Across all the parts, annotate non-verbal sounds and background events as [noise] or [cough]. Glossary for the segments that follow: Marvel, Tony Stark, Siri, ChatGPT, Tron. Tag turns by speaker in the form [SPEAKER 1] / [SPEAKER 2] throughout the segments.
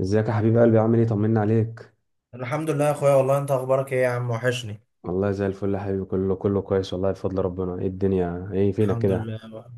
[SPEAKER 1] ازيك يا حبيب قلبي؟ عامل ايه؟ طمنا عليك.
[SPEAKER 2] الحمد لله يا اخويا، والله انت اخبارك ايه يا عم؟ وحشني.
[SPEAKER 1] والله زي الفل يا حبيبي، كله كله كويس والله بفضل ربنا. ايه الدنيا؟ ايه فينك
[SPEAKER 2] الحمد
[SPEAKER 1] كده؟
[SPEAKER 2] لله.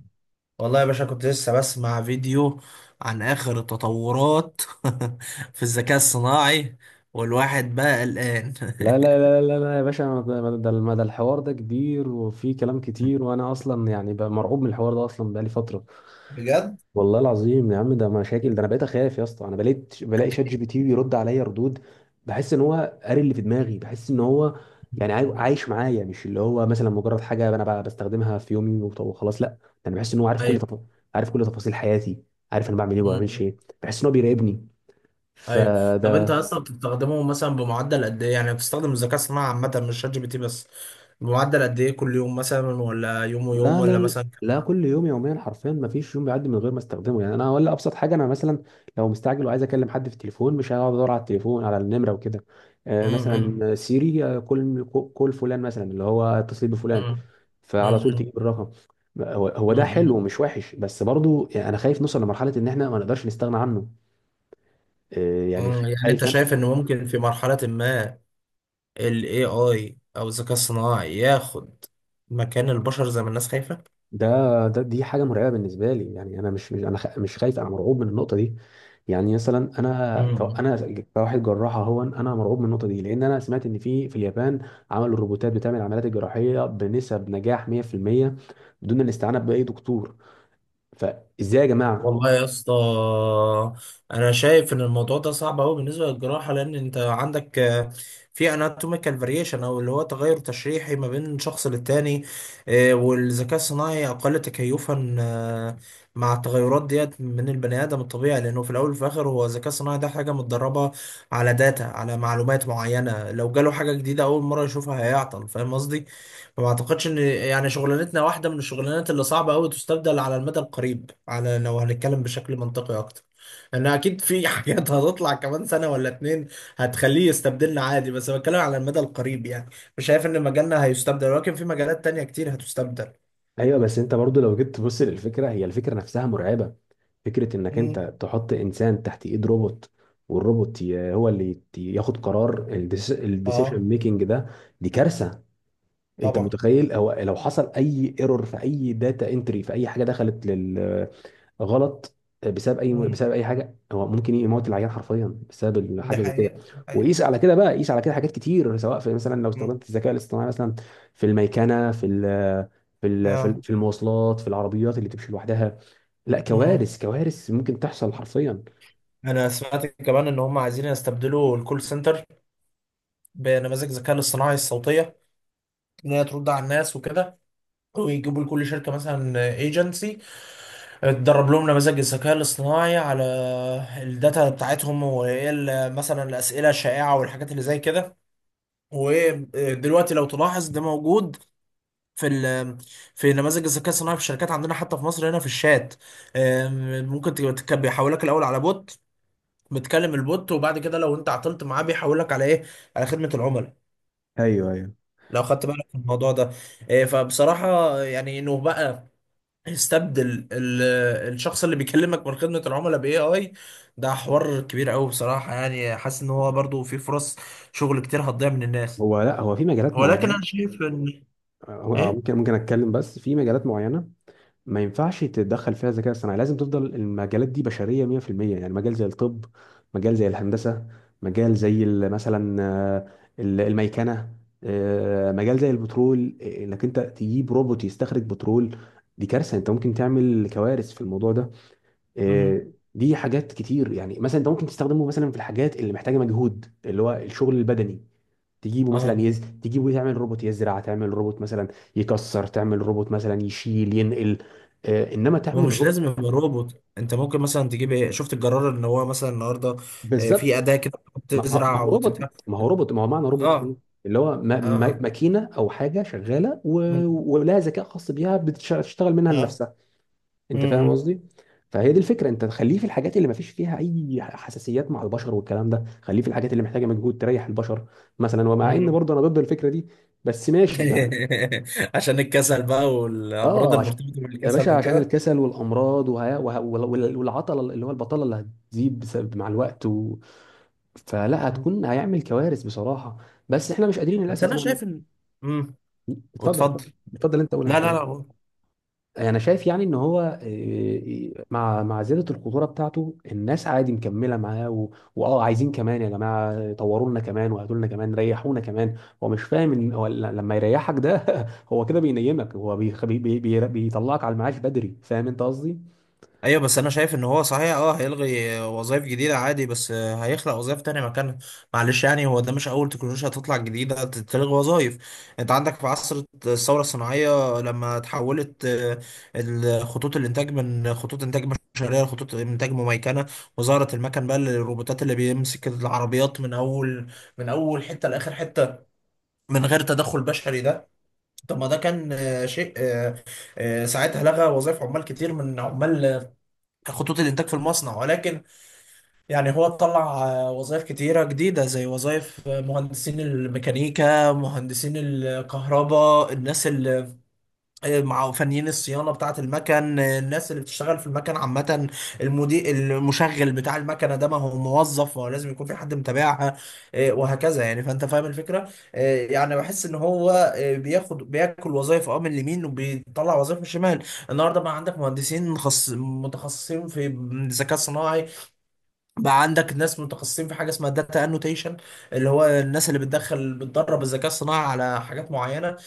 [SPEAKER 2] والله يا باشا كنت لسه بسمع فيديو عن اخر التطورات [laughs] في الذكاء الصناعي. والواحد بقى قلقان.
[SPEAKER 1] لا لا لا لا لا يا باشا، ما ده الحوار ده كبير وفيه كلام كتير،
[SPEAKER 2] [laughs]
[SPEAKER 1] وانا اصلا يعني بقى مرعوب من الحوار ده اصلا بقالي فترة.
[SPEAKER 2] بجد.
[SPEAKER 1] والله العظيم يا عم، ده مشاكل. ده انا بقيت اخاف يا اسطى. انا بقيت بلاقي شات جي بي تي بيرد عليا ردود، بحس ان هو قاري اللي في دماغي. بحس ان هو يعني عايش معايا، مش اللي هو مثلا مجرد حاجه انا بستخدمها في يومي وخلاص. لا ده انا بحس ان هو عارف كل
[SPEAKER 2] ايوه.
[SPEAKER 1] تفاصيل حياتي، عارف انا بعمل ايه وما بعملش
[SPEAKER 2] أمم.
[SPEAKER 1] ايه. بحس ان هو بيراقبني،
[SPEAKER 2] ايوه. طب انت
[SPEAKER 1] فده.
[SPEAKER 2] اصلا بتستخدمه مثلا بمعدل قد ايه؟ يعني بتستخدم الذكاء الصناعي عامه، مش شات جي بي تي بس. بمعدل قد ايه كل يوم مثلا، ولا يوم ويوم،
[SPEAKER 1] لا لا
[SPEAKER 2] ولا
[SPEAKER 1] لا،
[SPEAKER 2] مثلا؟
[SPEAKER 1] لا كل يوم، يوميا حرفيا. ما فيش يوم بيعدي من غير ما استخدمه. يعني انا ولا ابسط حاجه، انا مثلا لو مستعجل وعايز اكلم حد في التليفون، مش هقعد ادور على التليفون على النمره وكده.
[SPEAKER 2] أمم.
[SPEAKER 1] مثلا سيري، كل فلان مثلا اللي هو اتصل بفلان،
[SPEAKER 2] أمم.
[SPEAKER 1] فعلى طول
[SPEAKER 2] أمم.
[SPEAKER 1] تجيب الرقم. هو ده حلو
[SPEAKER 2] أمم.
[SPEAKER 1] ومش وحش، بس برضو يعني انا خايف نوصل لمرحله ان احنا ما نقدرش نستغنى عنه. يعني خ-
[SPEAKER 2] يعني انت
[SPEAKER 1] خايف أنا-
[SPEAKER 2] شايف ان ممكن في مرحلة ما ال AI او الذكاء الصناعي ياخد مكان البشر، زي ما الناس.
[SPEAKER 1] ده ده دي حاجه مرعبه بالنسبه لي. يعني انا مش خايف، انا مرعوب من النقطه دي. يعني مثلا انا كو-
[SPEAKER 2] خايفة؟
[SPEAKER 1] انا كواحد جراح، اهو انا مرعوب من النقطه دي. لان انا سمعت ان في اليابان عملوا الروبوتات بتعمل العمليات الجراحيه بنسب نجاح 100% بدون الاستعانه باي دكتور. فازاي يا جماعه؟
[SPEAKER 2] والله يا اسطى، انا شايف ان الموضوع ده صعب قوي بالنسبه للجراحه، لان انت عندك في anatomical variation، او اللي هو تغير تشريحي ما بين شخص للتاني. والذكاء الصناعي اقل تكيفا مع التغيرات ديت من البني ادم الطبيعي، لانه في الاول وفي الاخر هو الذكاء الصناعي ده حاجه متدربه على داتا، على معلومات معينه. لو جاله حاجه جديده اول مره يشوفها هيعطل، فاهم قصدي. ما اعتقدش ان يعني شغلانتنا واحده من الشغلانات اللي صعبه قوي تستبدل على المدى القريب، على لو هنتكلم بشكل منطقي اكتر. لان اكيد في [laughs] حاجات هتطلع كمان سنه ولا اتنين هتخليه يستبدلنا عادي، بس بتكلم على المدى القريب يعني. مش شايف ان مجالنا هيستبدل، ولكن في مجالات تانية كتير هتستبدل.
[SPEAKER 1] ايوه، بس انت برضو لو جيت تبص للفكره، هي الفكره نفسها مرعبه. فكره انك
[SPEAKER 2] امم.
[SPEAKER 1] انت تحط انسان تحت ايد روبوت، والروبوت هو اللي ياخد قرار. الديسيشن
[SPEAKER 2] اه.
[SPEAKER 1] ميكنج ده دي كارثه. انت
[SPEAKER 2] طبعا.
[SPEAKER 1] متخيل هو لو حصل اي ايرور في اي داتا انتري، في اي حاجه دخلت لل غلط، بسبب اي
[SPEAKER 2] امم.
[SPEAKER 1] بسبب اي حاجه، هو ممكن يموت العيان حرفيا بسبب
[SPEAKER 2] ده
[SPEAKER 1] حاجه زي كده.
[SPEAKER 2] حقيقه، ده حقيقه.
[SPEAKER 1] وقيس على كده بقى، قيس على كده حاجات كتير، سواء في مثلا لو
[SPEAKER 2] امم.
[SPEAKER 1] استخدمت الذكاء الاصطناعي مثلا في الميكنه، في ال في ال في ال-
[SPEAKER 2] اه.
[SPEAKER 1] في المواصلات، في العربيات اللي تمشي لوحدها. لا،
[SPEAKER 2] امم.
[SPEAKER 1] كوارث كوارث ممكن تحصل حرفيا.
[SPEAKER 2] انا سمعت كمان ان هم عايزين يستبدلوا الكول سنتر بنماذج الذكاء الاصطناعي الصوتيه، ان هي ترد على الناس وكده. ويجيبوا لكل شركة مثلا ايجنسي تدرب لهم نماذج الذكاء الاصطناعي على الداتا بتاعتهم، وايه مثلا الأسئلة الشائعة والحاجات اللي زي كده. ودلوقتي لو تلاحظ ده موجود في ال في نماذج الذكاء الصناعي في الشركات عندنا، حتى في مصر هنا، في الشات. ممكن تبقى بيحولك الأول على بوت، بتكلم البوت، وبعد كده لو انت عطلت معاه بيحولك على ايه، على خدمة العملاء.
[SPEAKER 1] ايوه ايوه.
[SPEAKER 2] لو خدت بالك من الموضوع ده. فبصراحة يعني انه بقى يستبدل الشخص اللي بيكلمك من خدمة العملاء باي اي، ده حوار كبير قوي بصراحة. يعني حاسس ان هو برضو في فرص شغل كتير هتضيع من الناس.
[SPEAKER 1] هو لا هو في مجالات
[SPEAKER 2] ولكن
[SPEAKER 1] معينه،
[SPEAKER 2] انا شايف ان.
[SPEAKER 1] هو-
[SPEAKER 2] ايه.
[SPEAKER 1] ممكن ممكن اتكلم. بس في مجالات معينه ما ينفعش تتدخل فيها الذكاء الصناعي، لازم تفضل المجالات دي بشرية 100%. يعني مجال زي الطب، مجال زي الهندسة، مجال زي مثلا الميكنة. مجال زي البترول، انك انت تجيب روبوت يستخرج بترول، دي كارثة. انت ممكن تعمل كوارث في الموضوع ده.
[SPEAKER 2] مم.
[SPEAKER 1] دي حاجات كتير، يعني مثلا انت ممكن تستخدمه مثلا في الحاجات اللي محتاجه مجهود، اللي هو الشغل البدني. تجيبه
[SPEAKER 2] اه.
[SPEAKER 1] مثلا تجيبه تعمل روبوت يزرع، تعمل روبوت مثلا يكسر، تعمل روبوت مثلا يشيل ينقل. انما
[SPEAKER 2] هو
[SPEAKER 1] تعمل
[SPEAKER 2] مش
[SPEAKER 1] رو.
[SPEAKER 2] لازم يبقى روبوت، انت ممكن مثلا تجيب ايه، شفت الجرار ان هو مثلا النهارده في
[SPEAKER 1] بالظبط.
[SPEAKER 2] اداة كده بتزرع وتبتاع.
[SPEAKER 1] ما هو معنى
[SPEAKER 2] اه.
[SPEAKER 1] روبوت ايه؟ اللي هو ما...
[SPEAKER 2] اه.
[SPEAKER 1] ما...
[SPEAKER 2] اه.
[SPEAKER 1] ماكينه او حاجه شغاله،
[SPEAKER 2] مم.
[SPEAKER 1] ولها ذكاء خاص بيها بتشتغل منها
[SPEAKER 2] اه.
[SPEAKER 1] لنفسها. انت فاهم
[SPEAKER 2] مم.
[SPEAKER 1] قصدي؟ فهي دي الفكره، انت تخليه في الحاجات اللي ما فيش فيها اي حساسيات مع البشر والكلام ده. خليه في الحاجات اللي محتاجه مجهود تريح البشر مثلا. ومع ان
[SPEAKER 2] مم.
[SPEAKER 1] برضه انا ضد الفكره دي، بس ماشي يعني.
[SPEAKER 2] [laughs] عشان الكسل بقى، والامراض
[SPEAKER 1] اه، عشان،
[SPEAKER 2] المرتبطة
[SPEAKER 1] يا
[SPEAKER 2] بالكسل
[SPEAKER 1] باشا عشان
[SPEAKER 2] وكده.
[SPEAKER 1] الكسل والامراض والعطله اللي هو البطاله اللي هتزيد بسبب مع الوقت. فلا، هتكون هيعمل كوارث بصراحه. بس احنا مش قادرين
[SPEAKER 2] بس
[SPEAKER 1] للاسف
[SPEAKER 2] انا
[SPEAKER 1] نعمل.
[SPEAKER 2] شايف ان. امم.
[SPEAKER 1] اتفضل
[SPEAKER 2] واتفضل.
[SPEAKER 1] اتفضل اتفضل، انت قول، انا
[SPEAKER 2] لا، لا،
[SPEAKER 1] خلاص.
[SPEAKER 2] لا.
[SPEAKER 1] انا شايف يعني ان هو، مع زياده الخطوره بتاعته، الناس عادي مكمله معاه. واه، عايزين كمان يا جماعه، طوروا لنا كمان وهاتوا لنا كمان، ريحونا كمان. هو مش فاهم ان هو لما يريحك ده [laughs] هو كده بينيمك، هو بيخ... بي... بي... بي... بيطلعك على المعاش بدري. فاهم انت قصدي؟
[SPEAKER 2] ايوه، بس انا شايف ان هو صحيح، اه هيلغي وظائف جديده عادي، بس هيخلق وظائف تانية مكانها. معلش يعني، هو ده مش اول تكنولوجيا هتطلع جديده تلغي وظائف. انت عندك في عصر الثوره الصناعيه لما تحولت خطوط الانتاج من خطوط انتاج بشريه لخطوط انتاج مميكنه، وظهرت المكن بقى، الروبوتات اللي بيمسك العربيات من اول حته لاخر حته من غير تدخل بشري ده. طب ما ده كان شيء، ساعتها لغى وظائف عمال كتير من عمال خطوط الانتاج في المصنع، ولكن يعني هو طلع وظائف كتيره جديده، زي وظائف مهندسين الميكانيكا، مهندسين الكهرباء، الناس اللي مع فنيين الصيانه بتاعه المكن، الناس اللي بتشتغل في المكن عامه، المدير، المشغل بتاع المكنه ده. ما هو موظف، ما هو لازم يكون في حد متابعها. وهكذا يعني، فانت فاهم الفكره. يعني بحس ان هو بياكل وظائف من اليمين وبيطلع وظائف من الشمال. النهارده بقى عندك مهندسين متخصصين في الذكاء الصناعي، بقى عندك ناس متخصصين في حاجه اسمها داتا انوتيشن، اللي هو الناس اللي بتدخل بتدرب الذكاء الصناعي على حاجات معينه.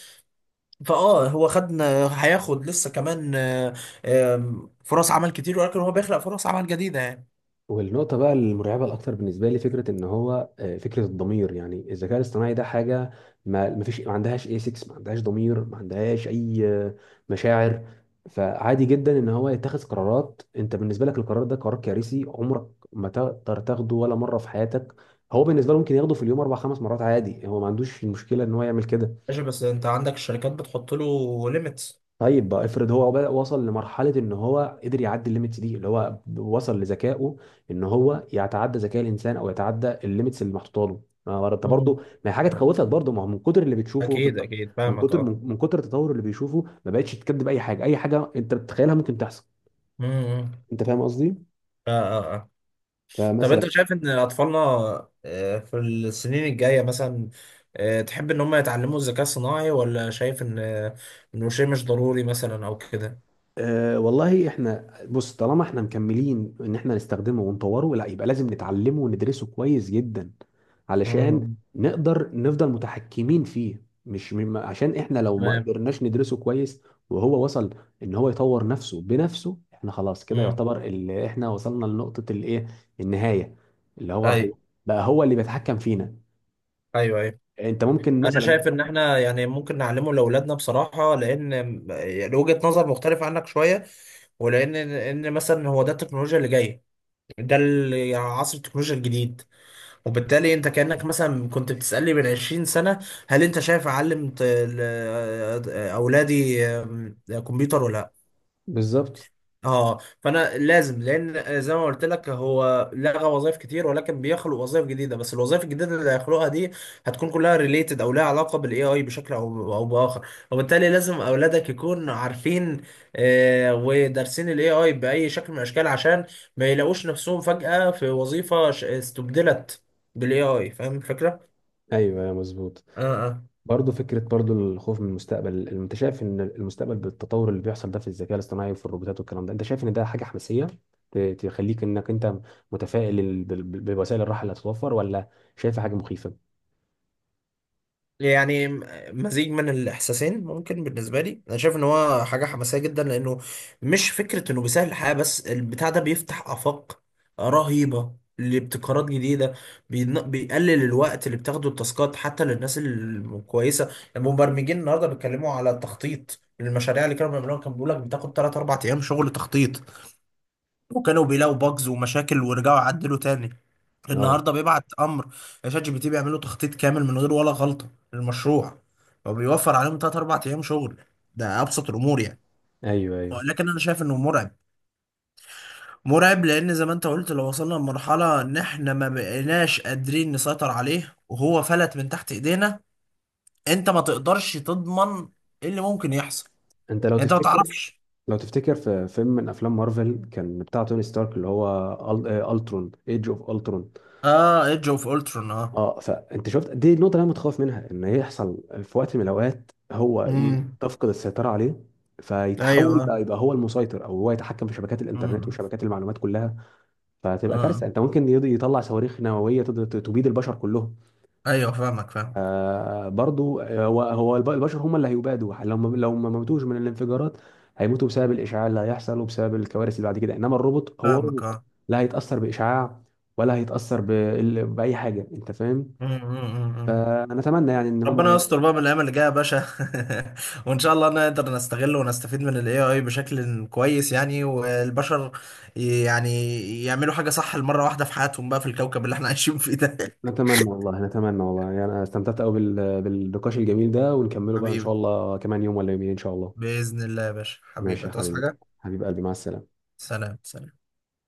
[SPEAKER 2] فاه هو هياخد لسه كمان آه، آم، فرص عمل كتير، ولكن هو بيخلق فرص عمل جديدة يعني.
[SPEAKER 1] والنقطة بقى المرعبة الأكتر بالنسبة لي فكرة إن هو، فكرة الضمير. يعني الذكاء الاصطناعي ده حاجة ما عندهاش ايسكس، ما عندهاش ضمير، ما عندهاش أي مشاعر. فعادي جدا إن هو يتخذ قرارات أنت بالنسبة لك القرار ده قرار كارثي، عمرك ما تقدر تاخده ولا مرة في حياتك. هو بالنسبة له ممكن ياخده في اليوم أربع خمس مرات عادي. هو ما عندوش المشكلة إن هو يعمل كده.
[SPEAKER 2] ماشي، بس انت عندك الشركات بتحط له ليميتس.
[SPEAKER 1] طيب بقى، افرض هو بقى وصل لمرحلة ان هو قدر يعدي الليميتس دي، اللي هو وصل لذكائه، ان هو يتعدى ذكاء الانسان او يتعدى الليميتس اللي محطوطه له. ما هو انت برضه،
[SPEAKER 2] مم.
[SPEAKER 1] ما هي حاجة تخوفك برضه. ما هو من كتر اللي بتشوفه في
[SPEAKER 2] اكيد،
[SPEAKER 1] الت...
[SPEAKER 2] اكيد
[SPEAKER 1] من
[SPEAKER 2] فاهمك،
[SPEAKER 1] كتر
[SPEAKER 2] اه.
[SPEAKER 1] من, من كتر التطور اللي بيشوفه، ما بقتش تكذب اي حاجة، اي حاجة انت بتتخيلها ممكن تحصل.
[SPEAKER 2] امم.
[SPEAKER 1] انت فاهم قصدي؟
[SPEAKER 2] آه، آه، آه. طب
[SPEAKER 1] فمثلا.
[SPEAKER 2] انت شايف ان اطفالنا في السنين الجايه مثلا، تحب ان هم يتعلموا الذكاء الصناعي؟ ولا شايف ان انه شيء مش ضروري مثلا، او كده.
[SPEAKER 1] أه والله، احنا بص، طالما احنا مكملين ان احنا نستخدمه ونطوره، لا يبقى لازم نتعلمه وندرسه كويس جدا علشان
[SPEAKER 2] مم.
[SPEAKER 1] نقدر نفضل متحكمين فيه. مش عشان احنا لو ما
[SPEAKER 2] تمام.
[SPEAKER 1] قدرناش ندرسه كويس وهو وصل ان هو يطور نفسه بنفسه، احنا خلاص كده
[SPEAKER 2] امم.
[SPEAKER 1] يعتبر اللي احنا وصلنا لنقطة الايه، النهاية، اللي هو
[SPEAKER 2] اي.
[SPEAKER 1] هو بقى هو اللي بيتحكم فينا.
[SPEAKER 2] ايوه، ايوه.
[SPEAKER 1] انت ممكن
[SPEAKER 2] انا
[SPEAKER 1] مثلا.
[SPEAKER 2] شايف ان احنا يعني ممكن نعلمه لاولادنا بصراحه، لان يعني وجهه نظر مختلفه عنك شويه، ولان ان مثلا هو ده التكنولوجيا اللي جايه، ده يعني عصر التكنولوجيا الجديد. وبالتالي انت كانك مثلا كنت بتسالني من 20 سنه، هل انت شايف اعلم اولادي كمبيوتر ولا؟
[SPEAKER 1] بالظبط.
[SPEAKER 2] اه. فانا لازم، لان زي ما قلت لك هو لغى وظائف كتير، ولكن بيخلق وظائف جديده. بس الوظائف الجديده اللي هيخلقها دي هتكون كلها ريليتد، او لها علاقه بالاي اي بشكل او باخر، وبالتالي لازم اولادك يكونوا عارفين ودارسين الاي اي باي شكل من الاشكال، عشان ما يلاقوش نفسهم فجاه في وظيفه استبدلت بالاي اي، فاهم الفكره؟
[SPEAKER 1] ايوه مظبوط.
[SPEAKER 2] اه.
[SPEAKER 1] برضه فكرة، برضه الخوف من المستقبل، انت شايف ان المستقبل بالتطور اللي بيحصل ده في الذكاء الاصطناعي وفي الروبوتات والكلام ده، انت شايف ان ده حاجة حماسية تخليك انك انت متفائل بوسائل الراحة اللي هتتوفر، ولا شايفها حاجة مخيفة؟
[SPEAKER 2] يعني مزيج من الاحساسين ممكن. بالنسبه لي انا شايف ان هو حاجه حماسيه جدا، لانه مش فكره انه بيسهل الحياه بس، البتاع ده بيفتح افاق رهيبه لابتكارات جديده. بيقلل الوقت اللي بتاخده التاسكات حتى للناس الكويسه، المبرمجين النهارده بيتكلموا على التخطيط. المشاريع اللي كانوا بيعملوها كان بيقول لك بتاخد 3 4 ايام شغل تخطيط، وكانوا بيلاقوا باجز ومشاكل ورجعوا عدلوا تاني.
[SPEAKER 1] اه.
[SPEAKER 2] النهارده بيبعت امر شات جي بي تي بيعملوا تخطيط كامل من غير ولا غلطه للمشروع، فبيوفر عليهم 3 4 ايام شغل. ده ابسط الامور يعني.
[SPEAKER 1] ايوه ايوه.
[SPEAKER 2] لكن انا شايف انه مرعب، مرعب لان زي ما انت قلت، لو وصلنا لمرحله ان احنا ما بقيناش قادرين نسيطر عليه وهو فلت من تحت ايدينا، انت ما تقدرش تضمن ايه اللي ممكن يحصل،
[SPEAKER 1] انت لو
[SPEAKER 2] انت ما
[SPEAKER 1] تفتكر،
[SPEAKER 2] تعرفش.
[SPEAKER 1] لو تفتكر في فيلم من افلام مارفل، كان بتاع توني ستارك اللي هو الترون، ايدج اوف الترون.
[SPEAKER 2] اه، ايدج اوف الترون، اه.
[SPEAKER 1] اه. فانت شفت، دي النقطه اللي انا متخوف منها، ان يحصل في وقت من الاوقات هو ي-
[SPEAKER 2] امم.
[SPEAKER 1] تفقد السيطره عليه، فيتحول بقى
[SPEAKER 2] ايوه.
[SPEAKER 1] يبقى هو المسيطر، او هو يتحكم في شبكات الانترنت
[SPEAKER 2] امم.
[SPEAKER 1] وشبكات المعلومات كلها. فتبقى
[SPEAKER 2] اه.
[SPEAKER 1] كارثه. انت ممكن يطلع صواريخ نوويه تبيد البشر كلهم.
[SPEAKER 2] ايوه، فاهمك، فاهمك،
[SPEAKER 1] برضو، هو البشر هم اللي هيبادوا. لو ما موتوش من الانفجارات، هيموتوا بسبب الاشعاع اللي هيحصل وبسبب الكوارث اللي بعد كده. انما الروبوت هو
[SPEAKER 2] فاهمك،
[SPEAKER 1] روبوت،
[SPEAKER 2] اه.
[SPEAKER 1] لا هيتاثر باشعاع ولا هيتاثر باي حاجه. انت فاهم؟
[SPEAKER 2] أمم، أمم، أمم.
[SPEAKER 1] فنتمنى يعني ان هم
[SPEAKER 2] ربنا
[SPEAKER 1] ي-
[SPEAKER 2] يستر بقى من الايام اللي جايه يا باشا. [laughs] وان شاء الله نقدر نستغله ونستفيد من الاي اي بشكل كويس يعني، والبشر يعني يعملوا حاجه صح المره واحده في حياتهم بقى في الكوكب اللي احنا عايشين فيه ده. [laughs]
[SPEAKER 1] نتمنى والله، نتمنى والله، يعني انا استمتعت قوي بالنقاش الجميل ده، ونكمله بقى ان شاء
[SPEAKER 2] حبيبي،
[SPEAKER 1] الله كمان يوم ولا يومين ان شاء الله.
[SPEAKER 2] باذن الله يا باشا
[SPEAKER 1] ماشي
[SPEAKER 2] حبيبي،
[SPEAKER 1] يا
[SPEAKER 2] تصحى
[SPEAKER 1] حبيبي.
[SPEAKER 2] حاجه.
[SPEAKER 1] حبيب قلبي، مع السلامة.
[SPEAKER 2] سلام، سلام.